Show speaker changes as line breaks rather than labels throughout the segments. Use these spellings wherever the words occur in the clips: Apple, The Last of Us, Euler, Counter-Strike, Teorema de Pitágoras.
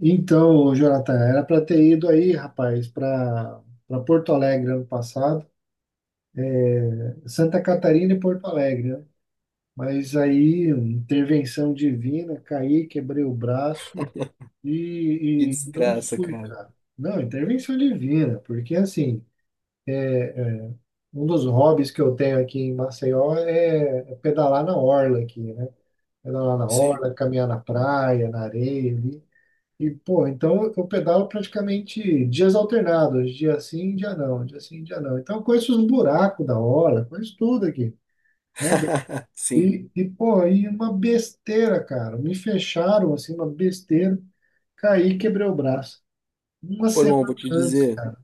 Então, Jonathan, era para ter ido aí, rapaz, para Porto Alegre ano passado, Santa Catarina e Porto Alegre, né? Mas aí, intervenção divina, caí, quebrei o braço
Que
e não
desgraça,
fui,
cara.
cara. Não, intervenção divina, porque assim, um dos hobbies que eu tenho aqui em Maceió é pedalar na orla aqui, né? Pedalar na
Sim.
orla, caminhar na praia, na areia, ali. E, pô, então eu pedalo praticamente dias alternados, dia sim, dia não, dia sim, dia não. Então eu conheço os buracos da hora, conheço tudo aqui, né?
Sim.
E pô, e uma besteira, cara. Me fecharam, assim, uma besteira, caí e quebrei o braço. Uma
Pô,
semana
irmão,
antes, cara.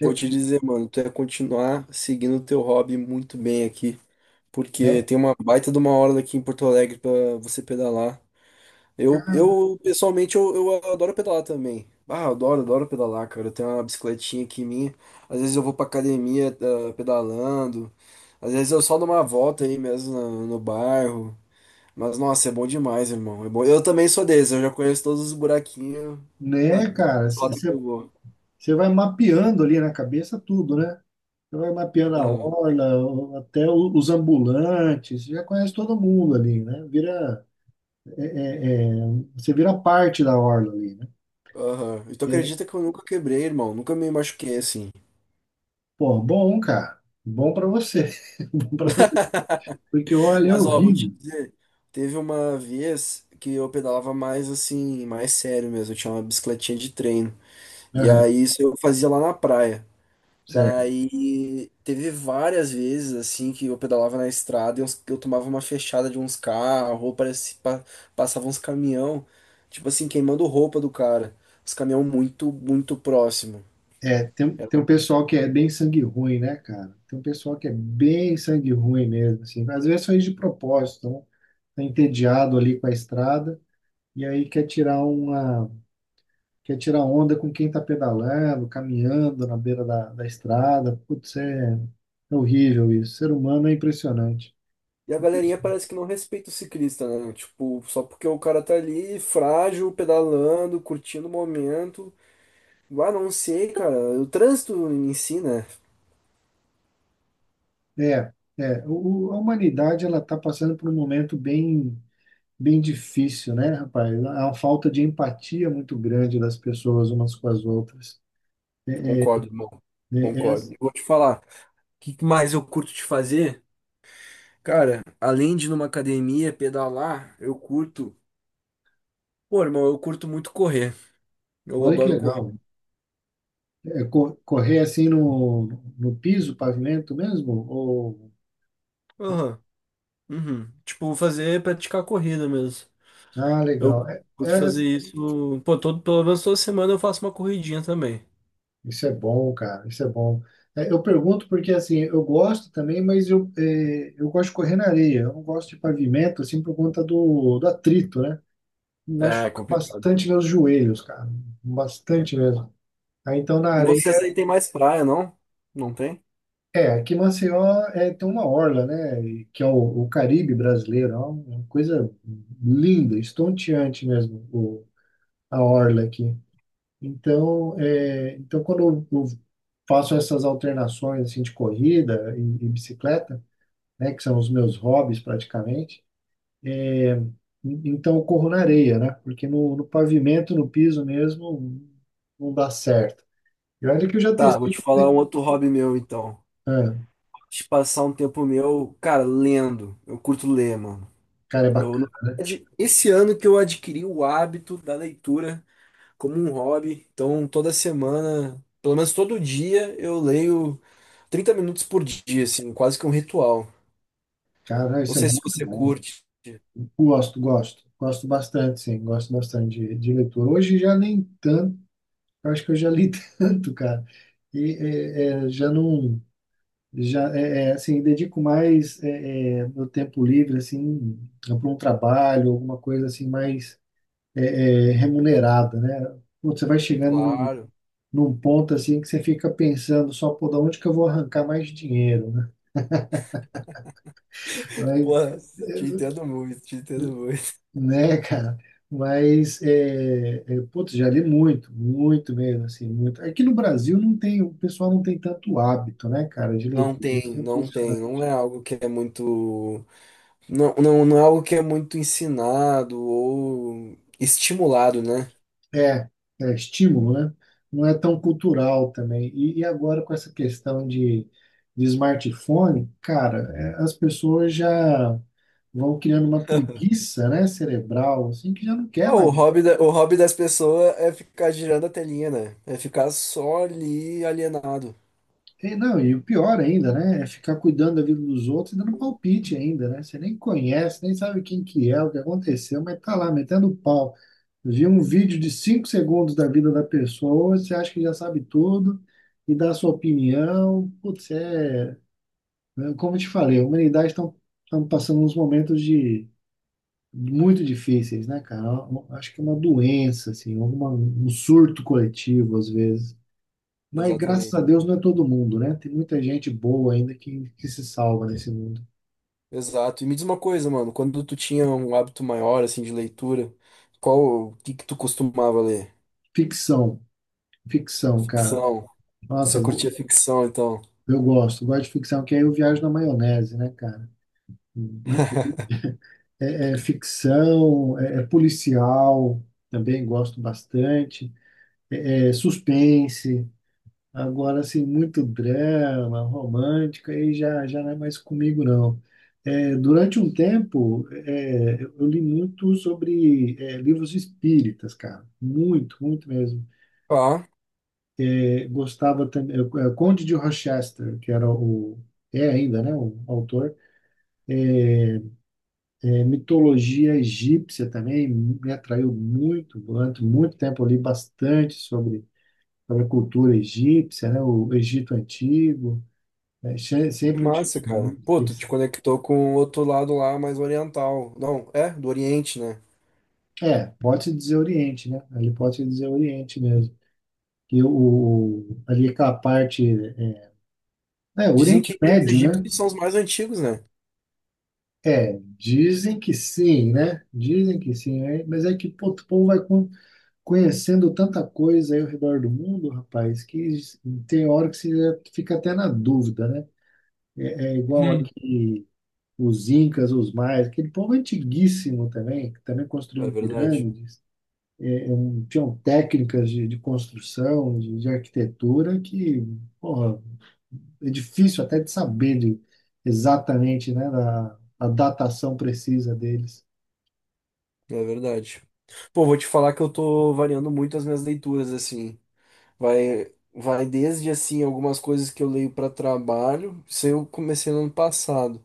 É,
vou te dizer, mano, tu ia continuar seguindo o teu hobby muito bem aqui, porque
é,
tem uma baita de uma hora aqui em Porto Alegre pra você pedalar. Eu,
ca-
eu pessoalmente, eu adoro pedalar também. Ah, eu adoro, adoro pedalar, cara. Eu tenho uma bicicletinha aqui minha. Às vezes eu vou pra academia, ah, pedalando. Às vezes eu só dou uma volta aí mesmo no bairro. Mas nossa, é bom demais, irmão. É bom. Eu também sou desse, eu já conheço todos os buraquinhos, a
né, cara?
lata que eu
Você
vou.
vai mapeando ali na cabeça tudo, né? Você vai mapeando a
Aham.
orla, os ambulantes, você já conhece todo mundo ali, né? Vira. Você vira parte da orla ali, né?
Aham. E tu
É,
acredita que eu nunca quebrei, irmão? Nunca me machuquei assim.
pô, bom, cara. Bom pra você. Bom pra você. Porque olha, é
Mas ó, vou te
horrível.
dizer, teve uma vez que eu pedalava mais assim, mais sério mesmo. Eu tinha uma bicicletinha de treino. E
Aham,
aí isso eu fazia lá na praia.
certo.
Daí teve várias vezes assim que eu pedalava na estrada e eu tomava uma fechada de uns carros, ou parecia, passava uns caminhão, tipo assim, queimando roupa do cara. Os caminhão muito, muito próximo.
É, tem,
É.
tem um pessoal que é bem sangue ruim, né, cara? Tem um pessoal que é bem sangue ruim mesmo, assim. Às vezes faz de propósito, né? Tá entediado ali com a estrada e aí quer tirar uma, quer tirar onda com quem tá pedalando, caminhando na beira da estrada. Putz, é horrível isso. O ser humano é impressionante.
E a galerinha parece que não respeita o ciclista, né? Tipo, só porque o cara tá ali frágil, pedalando, curtindo o momento. Ah, não sei, cara. O trânsito em si, né?
É, a humanidade ela está passando por um momento bem, bem difícil, né, rapaz? Há uma falta de empatia muito grande das pessoas umas com as outras.
Concordo, irmão.
Né? É,
Concordo. Vou te falar. O que que mais eu curto de fazer? Cara, além de numa academia pedalar, eu curto. Pô, irmão, eu curto muito correr. Eu
olha que
adoro correr.
legal. É, correr assim no piso, pavimento mesmo? Ou.
Aham. Uhum. Tipo, fazer, praticar corrida mesmo.
Ah,
Eu
legal.
curto fazer isso. Pô, todo, pelo menos toda semana eu faço uma corridinha também.
Isso é bom, cara. Isso é bom. É, eu pergunto porque assim, eu gosto também, mas eu gosto de correr na areia. Eu não gosto de pavimento assim por conta do atrito, né?
É, é
Machuca
complicado.
bastante meus joelhos, cara. Bastante mesmo. Aí então na
E vocês
areia.
aí tem mais praia, não? Não tem?
É, aqui em Maceió tem uma orla, né? Que é o Caribe brasileiro. É uma coisa linda, estonteante mesmo, a orla aqui. Então, então quando eu faço essas alternações assim, de corrida e bicicleta, né? Que são os meus hobbies praticamente. é, Então eu corro na areia, né? Porque no pavimento, no piso mesmo, não dá certo. E olha que eu já
Tá, vou
testei.
te falar um outro hobby meu então.
Ah,
De passar um tempo meu, cara, lendo. Eu curto ler, mano.
cara, é
Eu, na
bacana.
verdade, esse ano que eu adquiri o hábito da leitura como um hobby. Então, toda semana, pelo menos todo dia, eu leio 30 minutos por dia, assim, quase que um ritual.
Cara,
Não
isso é
sei se
muito
você
bom.
curte.
Gosto, gosto. Gosto bastante, sim. Gosto bastante de leitura. Hoje já nem tanto. Eu acho que eu já li tanto, cara. E já não. Já, assim, dedico mais meu tempo livre, assim, para um trabalho, alguma coisa assim mais remunerada, né? Putz, você vai chegando num,
Claro.
num ponto, assim, que você fica pensando só, pô, da onde que eu vou arrancar mais dinheiro, né?
Pô,
Mas
te entendo muito, te entendo muito.
né, cara? Mas, putz, já li muito, muito mesmo, assim, muito. Aqui no Brasil não tem, o pessoal não tem tanto hábito, né, cara, de
Não
leitura. Isso
tem,
é
não tem. Não
impressionante.
é algo que é muito. Não é algo que é muito ensinado ou estimulado, né?
É, é estímulo, né? Não é tão cultural também. E agora com essa questão de smartphone, cara, as pessoas já vão criando uma preguiça, né, cerebral, assim, que já não quer
Ó,
mais.
o hobby, o hobby das pessoas é ficar girando a telinha, né? É ficar só ali alienado.
E, não, e o pior ainda, né? É ficar cuidando da vida dos outros e dando palpite ainda, né? Você nem conhece, nem sabe quem que é, o que aconteceu, mas tá lá metendo pau. Viu um vídeo de 5 segundos da vida da pessoa, você acha que já sabe tudo e dá a sua opinião. Putz, é. Né? Como eu te falei, a humanidade estão passando uns momentos de muito difíceis, né, cara? Eu acho que é uma doença, assim, alguma, um surto coletivo, às vezes. Mas graças a
Exatamente.
Deus não é todo mundo, né? Tem muita gente boa ainda que se salva nesse mundo.
Exato. E me diz uma coisa, mano, quando tu tinha um hábito maior, assim, de leitura, qual, o que que tu costumava ler?
Ficção, ficção, cara.
Ficção. Você
Nossa,
curtia ficção, então?
eu gosto, gosto de ficção, que aí eu viajo na maionese, né, cara? É, é ficção. É, policial, também gosto bastante. É, é suspense. Agora, assim, muito drama, romântica, aí já não é mais comigo, não. É, durante um tempo, eu li muito sobre livros espíritas, cara. Muito, muito mesmo.
Ah,
É, gostava também. Conde de Rochester, que era o. É ainda, né? O autor. É, mitologia egípcia também me atraiu muito. Durante muito tempo, eu li bastante sobre a cultura egípcia, né? O Egito Antigo. É,
que
sempre me
massa,
chamou
cara.
muito
Pô, tu te
atenção.
conectou com o outro lado lá, mais oriental. Não, é, do Oriente, né?
É, pode-se dizer Oriente, né? Ali pode-se dizer Oriente mesmo. Que ali aquela parte.
Dizem
Oriente
que os
Médio, né?
egípcios são os mais antigos, né?
É, dizem que sim, né? Dizem que sim, né? Mas é que pô, o povo vai conhecendo tanta coisa aí ao redor do mundo, rapaz, que tem hora que você já fica até na dúvida, né? É igual
Hum.
aqui os Incas, os Maias, aquele povo antiguíssimo também, que também
É
construíam
verdade,
pirâmides. Tinham técnicas de construção, de arquitetura, que, porra, é difícil até de saber de, exatamente, né, a datação precisa deles.
é verdade. Pô, vou te falar que eu tô variando muito as minhas leituras, assim. Vai desde assim algumas coisas que eu leio para trabalho, isso eu comecei no ano passado.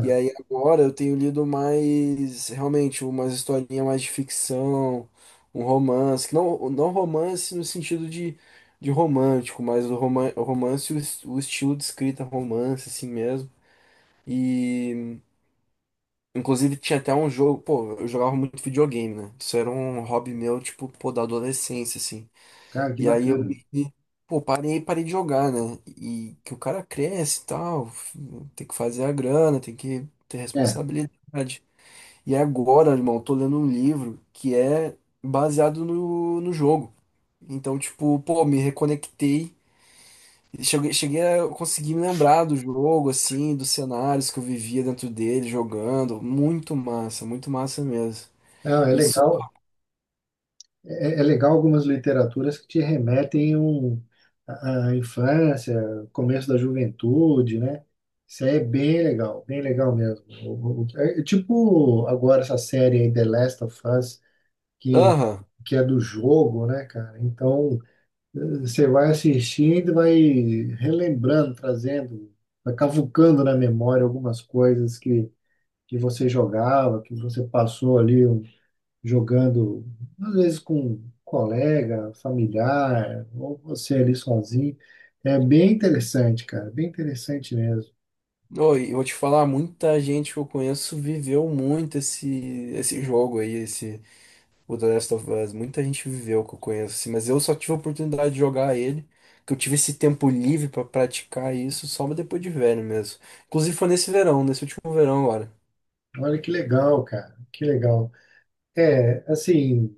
E aí agora eu tenho lido mais, realmente, umas historinhas mais de ficção, um romance, que não romance no sentido de romântico, mas o o romance, o, o estilo de escrita romance, assim mesmo. E inclusive tinha até um jogo, pô, eu jogava muito videogame, né? Isso era um hobby meu, tipo, pô, da adolescência, assim.
Cara, que
E aí
bacana.
me- pô, parei de jogar, né? E que o cara cresce e tal, tem que fazer a grana, tem que ter
É,
responsabilidade. E agora, irmão, eu tô lendo um livro que é baseado no jogo. Então, tipo, pô, me reconectei. Cheguei a conseguir me lembrar do jogo, assim, dos cenários que eu vivia dentro dele, jogando. Muito massa mesmo.
não, é
Isso.
legal. É, é legal algumas literaturas que te remetem à infância, começo da juventude, né? Isso aí é bem legal mesmo. É tipo agora essa série aí, The Last of Us, que,
Aham.
que é do jogo, né, cara? Então, você vai assistindo e vai relembrando, trazendo, vai cavucando na memória algumas coisas que você jogava, que você passou ali jogando, às vezes com um colega, familiar, ou você ali sozinho. É bem interessante, cara, bem interessante mesmo.
Oi, eu vou te falar, muita gente que eu conheço viveu muito esse jogo aí, esse o The Last of Us. Muita gente viveu que eu conheço, assim, mas eu só tive a oportunidade de jogar ele, que eu tive esse tempo livre pra praticar isso só depois de velho mesmo. Inclusive foi nesse verão, nesse último verão agora.
Olha que legal, cara, que legal. É, assim.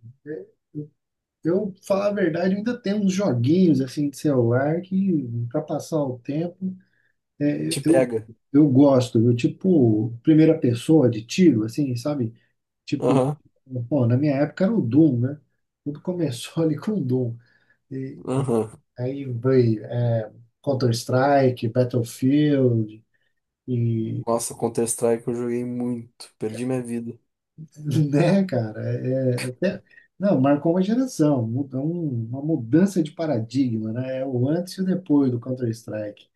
Eu, falar a verdade, eu ainda tenho uns joguinhos assim de celular que, para passar o tempo, é,
Te
eu,
pega.
eu gosto. Eu, tipo, primeira pessoa de tiro, assim, sabe? Tipo,
Aham,
pô, na minha época era o Doom, né? Tudo começou ali com o Doom. E
aham.
aí veio Counter-Strike, Battlefield, e
Nossa, Counter-Strike eu joguei muito, perdi minha vida.
Né, cara? É, não, marcou uma geração, uma mudança de paradigma, né? É o antes e o depois do Counter-Strike.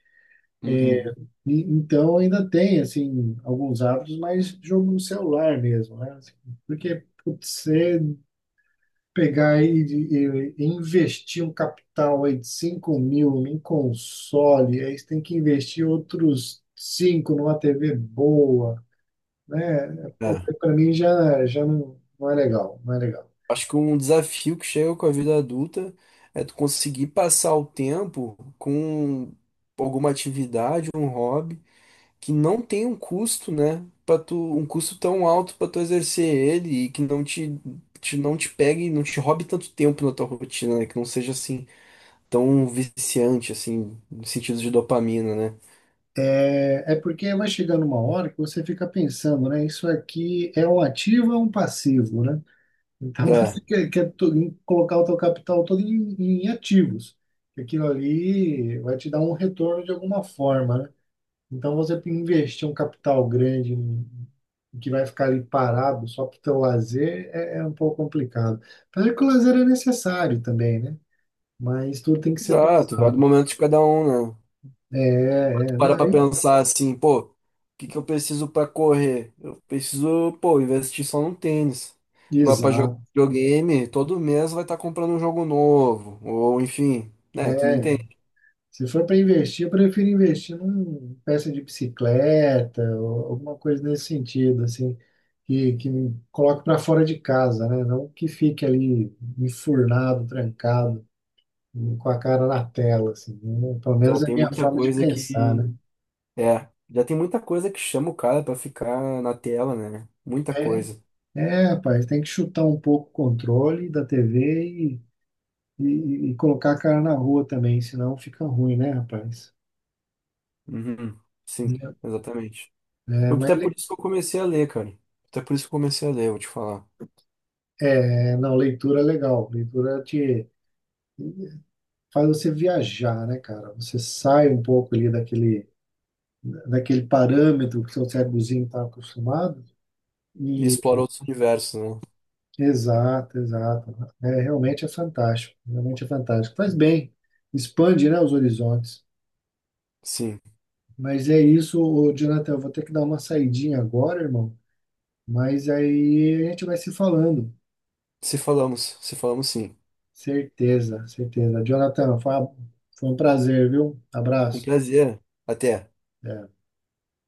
Uhum.
Então ainda tem, assim, alguns hábitos, mas jogo no celular mesmo, né? Assim, porque putz, você pegar e investir um capital aí de 5.000 em console, aí você tem que investir outros 5 numa TV boa, né?
É.
Para mim já não, não é legal, não é legal.
Acho que um desafio que chega com a vida adulta é tu conseguir passar o tempo com alguma atividade, um hobby que não tem um custo, né? Para tu um custo tão alto para tu exercer ele e que te não te pegue, não te roube tanto tempo na tua rotina, né? Que não seja assim tão viciante assim, no sentido de dopamina, né?
É porque vai chegando uma hora que você fica pensando, né? Isso aqui é um ativo ou é um passivo, né? Então
É,
você quer colocar o teu capital todo em ativos. Aquilo ali vai te dar um retorno de alguma forma, né? Então você investir um capital grande que vai ficar ali parado só para o teu lazer é um pouco complicado. Apesar que o lazer é necessário também, né? Mas tudo tem que ser
exato, vai do
dosado.
momento de cada um, né?
Não,
Para pra pensar assim, pô, o que que eu preciso pra correr? Eu preciso, pô, investir só no tênis. Agora pra jogar
exato.
videogame, todo mês vai estar comprando um jogo novo, ou enfim, né, tu me
É,
entende.
Se for para investir, eu prefiro investir numa peça de bicicleta ou alguma coisa nesse sentido, assim, que me coloque para fora de casa, né? Não que fique ali enfurnado, trancado, com a cara na tela, assim. Né? Pelo
Já
menos é a
tem
minha
muita
forma de
coisa
pensar,
que,
né?
é, já tem muita coisa que chama o cara pra ficar na tela, né? Muita
É,
coisa.
rapaz, tem que chutar um pouco o controle da TV e colocar a cara na rua também, senão fica ruim, né, rapaz?
Uhum. Sim, exatamente.
É, mas
Até por isso que eu comecei a ler, cara. Até por isso que eu comecei a ler, vou te falar.
não, leitura é legal. Leitura faz você viajar, né, cara? Você sai um pouco ali daquele, parâmetro que seu cérebrozinho está acostumado.
E
E
explorar outros universos, né?
exato, exato. É, realmente é fantástico, realmente é fantástico. Faz bem, expande, né, os horizontes.
Sim.
Mas é isso, ô, Jonathan, eu vou ter que dar uma saidinha agora, irmão. Mas aí a gente vai se falando.
Se falamos, se falamos sim.
Certeza, certeza. Jonathan, foi um prazer, viu?
Um
Abraço.
prazer. Até.
É.